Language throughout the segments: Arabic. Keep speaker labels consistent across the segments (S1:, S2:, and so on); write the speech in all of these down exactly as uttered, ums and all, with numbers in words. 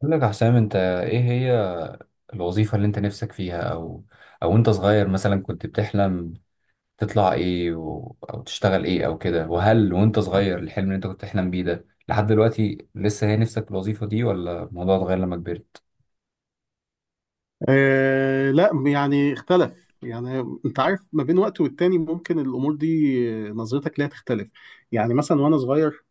S1: بقول لك يا حسام، انت ايه هي الوظيفة اللي انت نفسك فيها؟ او او انت صغير مثلا كنت بتحلم تطلع ايه و... او تشتغل ايه او كده، وهل وانت صغير الحلم اللي انت كنت بتحلم بيه ده لحد دلوقتي لسه هي نفسك في الوظيفة دي، ولا الموضوع اتغير لما كبرت؟
S2: آه، لا، يعني اختلف. يعني انت عارف ما بين وقت والتاني ممكن الامور دي آه، نظرتك ليها تختلف. يعني مثلا وانا صغير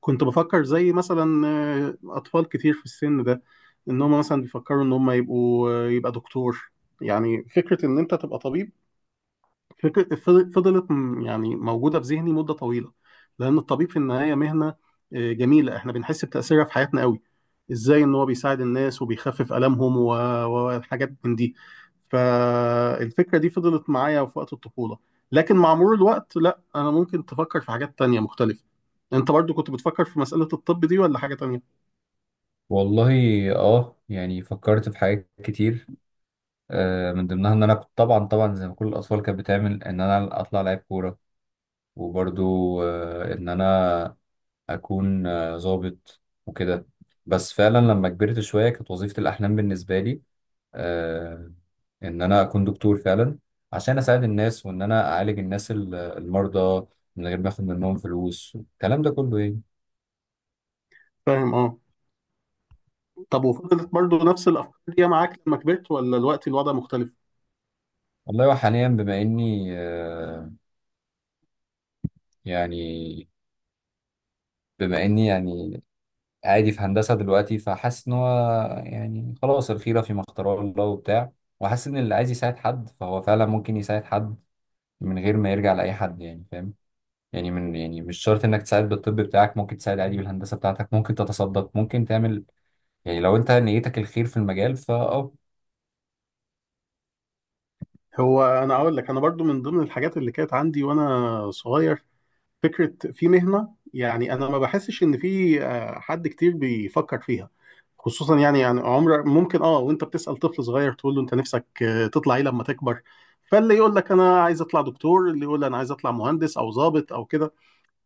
S2: كنت بفكر زي مثلا آه، اطفال كتير في السن ده، ان هم مثلا بيفكروا ان هم يبقوا آه، يبقى دكتور. يعني فكرة ان انت تبقى طبيب، فكرة فضل- فضلت م- يعني موجودة في ذهني مدة طويلة. لأن الطبيب في النهاية مهنة آه، جميلة، إحنا بنحس بتأثيرها في حياتنا قوي. إزاي إن هو بيساعد الناس وبيخفف آلامهم و- وحاجات من دي. فالفكرة دي فضلت معايا في وقت الطفولة، لكن مع مرور الوقت لا، أنا ممكن تفكر في حاجات تانية مختلفة. أنت برضو كنت بتفكر في مسألة الطب دي ولا حاجة تانية؟
S1: والله اه يعني فكرت في حاجات كتير. آه من ضمنها ان انا كنت، طبعا طبعا زي ما كل الاطفال كانت بتعمل، ان انا اطلع لعيب كورة. وبرضو آه ان انا اكون آه، ظابط وكده. بس فعلا لما كبرت شويه كانت وظيفه الاحلام بالنسبه لي آه، ان انا اكون دكتور فعلا، عشان اساعد الناس وان انا اعالج الناس ال- المرضى من غير ما اخد منهم فلوس، الكلام ده كله. ايه
S2: فاهم، أه. طب وفضلت برضو نفس الأفكار دي معاك لما كبرت ولا الوقت الوضع مختلف؟
S1: والله، وحاليا بما اني آه، يعني بما اني يعني عادي في هندسه دلوقتي، فحاسس ان هو يعني خلاص الخيره فيما اختاره الله وبتاع. وحاسس ان اللي عايز يساعد حد فهو فعلا ممكن يساعد حد من غير ما يرجع لاي حد، يعني فاهم. يعني من يعني مش شرط انك تساعد بالطب بتاعك، ممكن تساعد عادي بالهندسه بتاعتك، ممكن تتصدق، ممكن تعمل، يعني لو انت نيتك الخير في المجال فاه
S2: هو انا اقول لك انا برضو من ضمن الحاجات اللي كانت عندي وانا صغير، فكره في مهنه، يعني انا ما بحسش ان في آه، حد كتير بيفكر فيها. خصوصا يعني يعني عمر ممكن اه وانت بتسال طفل صغير تقول له انت نفسك آه، تطلع ايه لما تكبر، فاللي يقول لك انا عايز اطلع دكتور، اللي يقول انا عايز اطلع مهندس او ضابط او كده.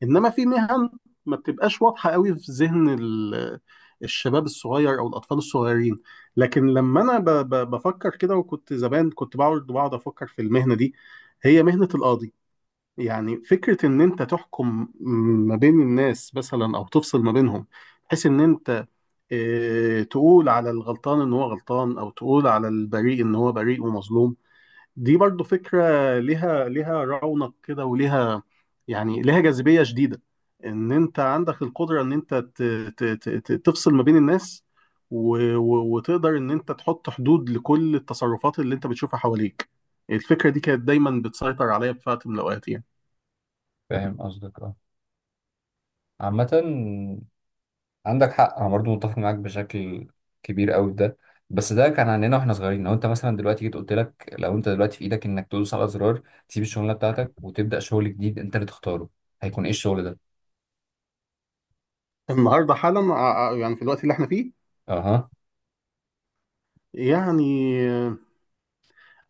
S2: انما في مهن ما بتبقاش واضحه قوي في ذهن ال- الشباب الصغير او الاطفال الصغيرين. لكن لما انا ب- ب- بفكر كده وكنت زمان، كنت بقعد بقعد افكر في المهنه دي، هي مهنه القاضي. يعني فكره ان انت تحكم ما بين الناس مثلا او تفصل ما بينهم، بحيث ان انت آه، تقول على الغلطان ان هو غلطان او تقول على البريء ان هو بريء ومظلوم. دي برضو فكرة ليها ليها رونق كده وليها، يعني ليها جاذبية شديدة. ان انت عندك القدرة ان انت ت- ت- ت- ت- تفصل ما بين الناس، و- و- وتقدر ان انت تحط حدود لكل التصرفات اللي انت بتشوفها حواليك. الفكرة دي كانت دايما بتسيطر عليا في وقت من الاوقات يعني.
S1: فاهم قصدك، اه عامه. عندك حق، انا برضو متفق معاك بشكل كبير قوي في ده. بس ده كان عندنا واحنا صغيرين. لو انت مثلا دلوقتي جيت قلت لك، لو انت دلوقتي في ايدك انك تدوس على زرار تسيب الشغلانه بتاعتك وتبدا شغل جديد انت اللي تختاره، هيكون ايه الشغل ده؟
S2: النهاردة حالا ع- ع- يعني في الوقت اللي احنا فيه،
S1: اها.
S2: يعني آه،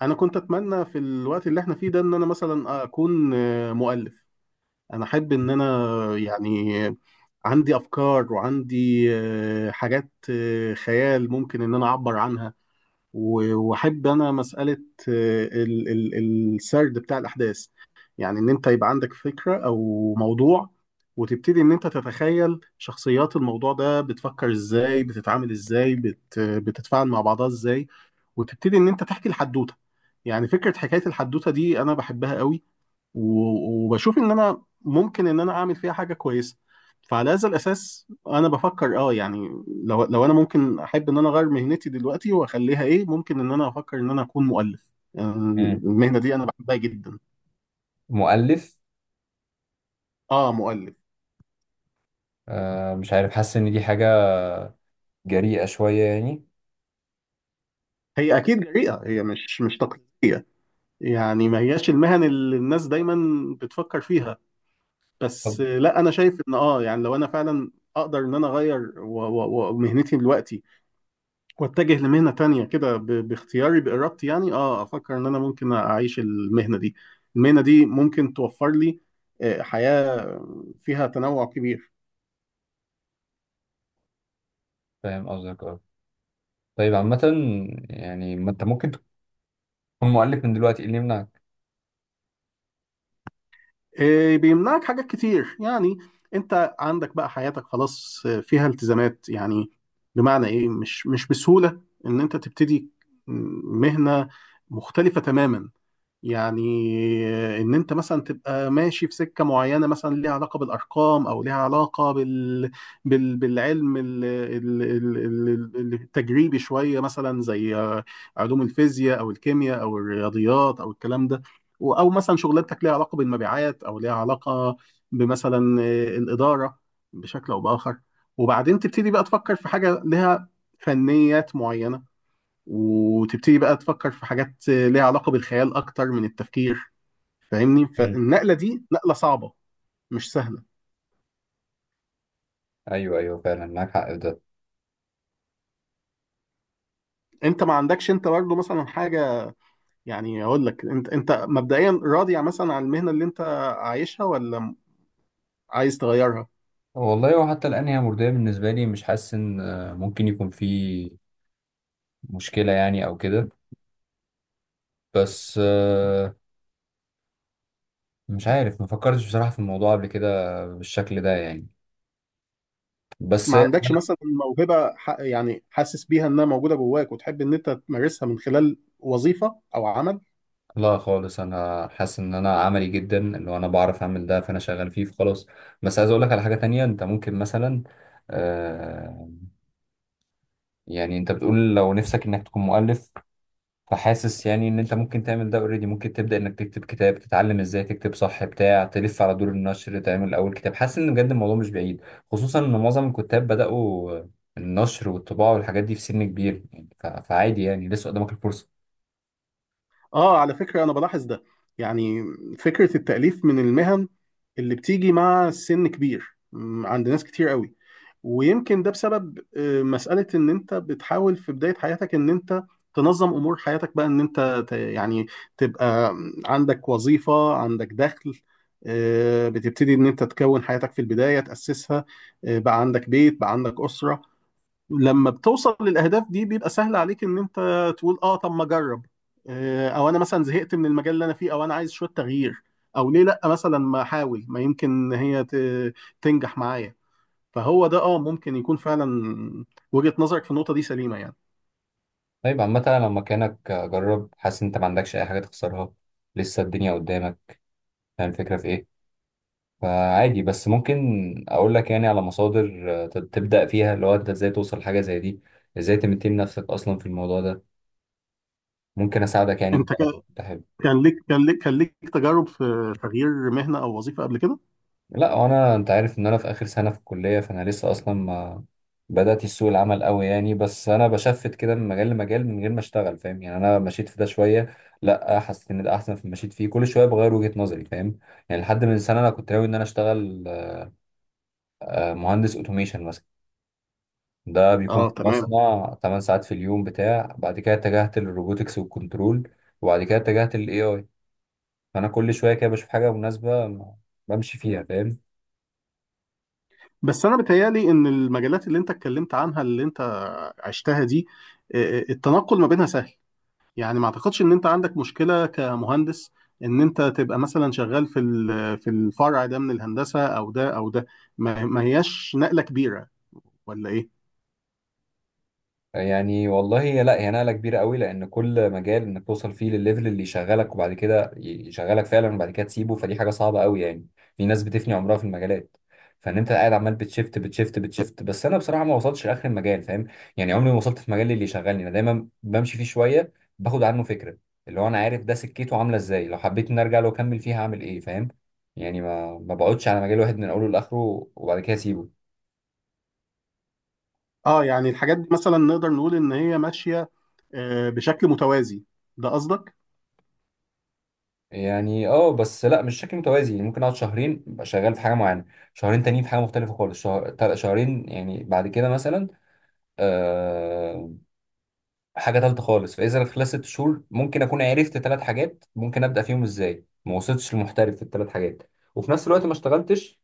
S2: انا كنت اتمنى في الوقت اللي احنا فيه ده ان انا مثلا اكون آه، مؤلف. انا احب ان انا، يعني، عندي افكار وعندي آه، حاجات، آه، خيال ممكن ان انا اعبر عنها. و- واحب انا مساله آه، ال- ال- السرد بتاع الاحداث. يعني ان انت يبقى عندك فكره او موضوع، وتبتدي ان انت تتخيل شخصيات الموضوع ده بتفكر ازاي، بتتعامل ازاي، بت بتتفاعل مع بعضها ازاي، وتبتدي ان انت تحكي الحدوته. يعني فكره حكايه الحدوته دي انا بحبها قوي، و- وبشوف ان انا ممكن ان انا اعمل فيها حاجه كويسه. فعلى هذا الاساس انا بفكر اه يعني، لو لو انا ممكن احب ان انا اغير مهنتي دلوقتي واخليها ايه، ممكن ان انا افكر ان انا اكون مؤلف يعني.
S1: مم.
S2: المهنه دي انا بحبها جدا.
S1: مؤلف.
S2: اه، مؤلف.
S1: آه مش عارف، حاسس ان دي حاجه جريئه شويه يعني.
S2: هي اكيد جريئه، هي مش مش تقليديه. يعني ما هياش المهن اللي الناس دايما بتفكر فيها.
S1: طب
S2: بس لا، انا شايف ان اه يعني لو انا فعلا اقدر ان انا اغير و- و- ومهنتي دلوقتي واتجه لمهنة تانية كده ب- باختياري بإرادتي، يعني اه افكر ان انا ممكن اعيش المهنة دي. المهنة دي ممكن توفر لي آه، حياة فيها تنوع كبير.
S1: فاهم قصدك، اه طيب. عامة يعني ما انت ممكن تكون مؤلف من دلوقتي، ايه اللي يمنعك؟
S2: آه، بيمنعك حاجات كتير يعني. انت عندك بقى حياتك خلاص آه، فيها التزامات. يعني بمعنى ايه؟ مش مش بسهولة ان انت تبتدي مهنة مختلفة تماما. يعني ان انت مثلا تبقى ماشي في سكه معينه مثلا ليها علاقه بالارقام او ليها علاقه بال... بال... بالعلم ال... ال... ال... ال- التجريبي شويه مثلا زي علوم الفيزياء او الكيمياء او الرياضيات او الكلام ده. و- او مثلا شغلانتك ليها علاقه بالمبيعات او ليها علاقه بمثلا الاداره بشكل او باخر، وبعدين تبتدي بقى تفكر في حاجه لها فنيات معينه، وتبتدي بقى تفكر في حاجات ليها علاقة بالخيال أكتر من التفكير. فاهمني؟
S1: مم.
S2: فالنقلة دي نقلة صعبة، مش سهلة.
S1: ايوه ايوه، فعلا معاك حق في ده.
S2: انت ما عندكش انت برضه مثلا حاجة، يعني اقول لك انت انت مبدئيا راضي مثلا عن المهنة اللي انت عايشها ولا عايز تغيرها؟
S1: والله، وحتى الان هي مرضية بالنسبة لي، مش حاسس ان آه، ممكن يكون في مشكلة يعني او كده. بس آه، مش عارف، ما فكرتش بصراحة في الموضوع قبل كده بالشكل ده يعني. بس
S2: ما عندكش مثلا موهبة ح- يعني حاسس بيها انها موجودة جواك وتحب ان انت تمارسها من خلال وظيفة او عمل؟
S1: لا خالص، انا حاسس ان انا عملي جدا، اللي انا بعرف اعمل ده فانا شغال فيه فخلاص. بس عايز اقول لك على حاجة تانية. انت ممكن مثلا آه، يعني انت بتقول لو نفسك انك تكون مؤلف، فحاسس يعني ان انت ممكن تعمل ده اوريدي. ممكن تبدا انك تكتب كتاب، تتعلم ازاي تكتب صح بتاع تلف على دور النشر، تعمل اول كتاب. حاسس ان بجد الموضوع مش بعيد، خصوصا ان معظم الكتاب بداوا النشر والطباعه والحاجات دي في سن كبير يعني. ف- فعادي يعني، لسه قدامك الفرصه.
S2: اه، على فكرة انا بلاحظ ده، يعني فكرة التأليف من المهن اللي بتيجي مع سن كبير م، عند ناس كتير قوي. ويمكن ده بسبب آه، مسألة ان انت بتحاول في بداية حياتك ان انت تنظم امور حياتك بقى، ان انت ت- يعني تبقى عندك وظيفة، عندك دخل، آه، بتبتدي ان انت تكون حياتك في البداية، تأسسها، آه، بقى عندك بيت، بقى عندك أسرة. لما بتوصل للاهداف دي بيبقى سهل عليك ان انت تقول اه طب ما اجرب، آه، او انا مثلا زهقت من المجال اللي انا فيه، او انا عايز شويه تغيير، او ليه لا مثلا ما احاول، ما يمكن هي ت- تنجح معايا. فهو ده اه ممكن يكون فعلا وجهة نظرك في النقطه دي سليمه يعني.
S1: طيب عامه، أنا لو مكانك جرب. حاسس ان انت ما عندكش اي حاجه تخسرها، لسه الدنيا قدامك. فاهم الفكره في ايه؟ فعادي. بس ممكن اقول لك يعني على مصادر آه، تبدا فيها، اللي هو انت ازاي توصل لحاجه زي دي، ازاي تمتين نفسك اصلا في الموضوع ده. ممكن اساعدك يعني
S2: انت
S1: بقى لو
S2: كا-
S1: انت حابب.
S2: كان ليك كان ليك كان ليك تجارب في تغيير مهنه او وظيفه قبل كده؟
S1: لا، هو انا، انت عارف ان انا في اخر سنه في الكليه، فانا لسه اصلا ما بدات سوق العمل قوي يعني. بس انا بشفت كده من مجال لمجال من غير ما اشتغل، فاهم يعني. انا مشيت في ده شويه، لا حسيت ان ده احسن في، مشيت فيه كل شويه بغير وجهه نظري، فاهم؟ يعني لحد من سنه انا كنت ناوي ان انا اشتغل آه، مهندس اوتوميشن مثلا، ده بيكون
S2: اه،
S1: في
S2: تمام.
S1: مصنع 8 ساعات في اليوم بتاع بعد كده اتجهت للروبوتكس والكنترول، وبعد كده اتجهت للاي اي. فانا كل شويه كده بشوف حاجه مناسبه بمشي فيها، فاهم؟
S2: بس انا بتهيالي ان المجالات اللي انت اتكلمت عنها اللي انت عشتها دي، آه، آه، التنقل ما بينها سهل. يعني ما اعتقدش ان انت عندك مشكلة كمهندس ان انت تبقى مثلا شغال في ال- في الفرع ده من الهندسة او ده او ده، ما ما هياش نقلة كبيرة، ولا ايه؟
S1: يعني والله، هي لا، هي نقلة كبيرة قوي، لأن كل مجال إنك توصل فيه للليفل اللي يشغلك وبعد كده يشغلك فعلا وبعد كده تسيبه، فدي حاجة صعبة قوي يعني. في ناس بتفني عمرها في المجالات، فإن أنت قاعد عمال بتشفت بتشفت بتشفت. بس أنا بصراحة ما وصلتش لآخر المجال، فاهم؟ يعني عمري ما وصلت في مجال اللي يشغلني. أنا دايما بمشي فيه شوية، باخد عنه فكرة، اللي هو أنا عارف ده سكته عاملة إزاي، لو حبيت إني أرجع له أكمل فيها هعمل إيه، فاهم؟ يعني ما ما بقعدش على مجال واحد من أوله لآخره وبعد كده أسيبه.
S2: اه يعني الحاجات دي مثلا نقدر نقول ان هي ماشية آه، بشكل متوازي، ده قصدك؟
S1: يعني اه بس لا مش شكل متوازي. يعني ممكن اقعد شهرين ابقى شغال في حاجه معينه، شهرين تانيين في حاجه مختلفه خالص. شهر... تل- شهرين يعني بعد كده مثلا آه... حاجه تالته خالص. فاذا خلال ست شهور ممكن اكون عرفت ثلاث حاجات، ممكن ابدا فيهم ازاي، ما وصلتش لمحترف في الثلاث حاجات، وفي نفس الوقت ما اشتغلتش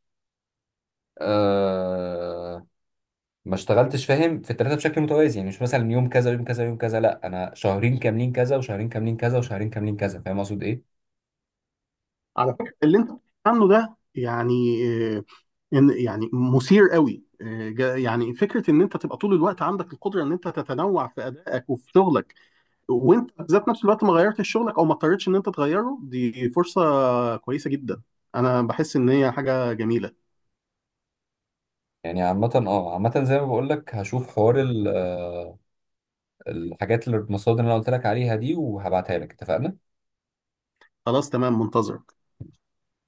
S1: آه... ما اشتغلتش، فاهم، في الثلاثه بشكل متوازي. يعني مش مثلا يوم كذا يوم كذا يوم كذا، لا انا شهرين كاملين كذا وشهرين كاملين كذا وشهرين كاملين كذا، فاهم اقصد ايه؟
S2: على فكرة اللي انت بتتكلم عنه ده، يعني آه، ان يعني مثير قوي. آه، جا- يعني فكرة ان انت تبقى طول الوقت عندك القدرة ان انت تتنوع في ادائك وفي شغلك، وانت ذات نفس الوقت ما غيرتش شغلك او ما اضطرتش ان انت تغيره، دي فرصة كويسة جدا. انا بحس ان هي حاجة جميلة.
S1: يعني عامة، اه عامة زي ما بقول لك، هشوف حوار ال- آه، الحاجات اللي المصادر اللي انا قلت لك عليها دي، وهبعتها لك. اتفقنا.
S2: خلاص، تمام، منتظرك.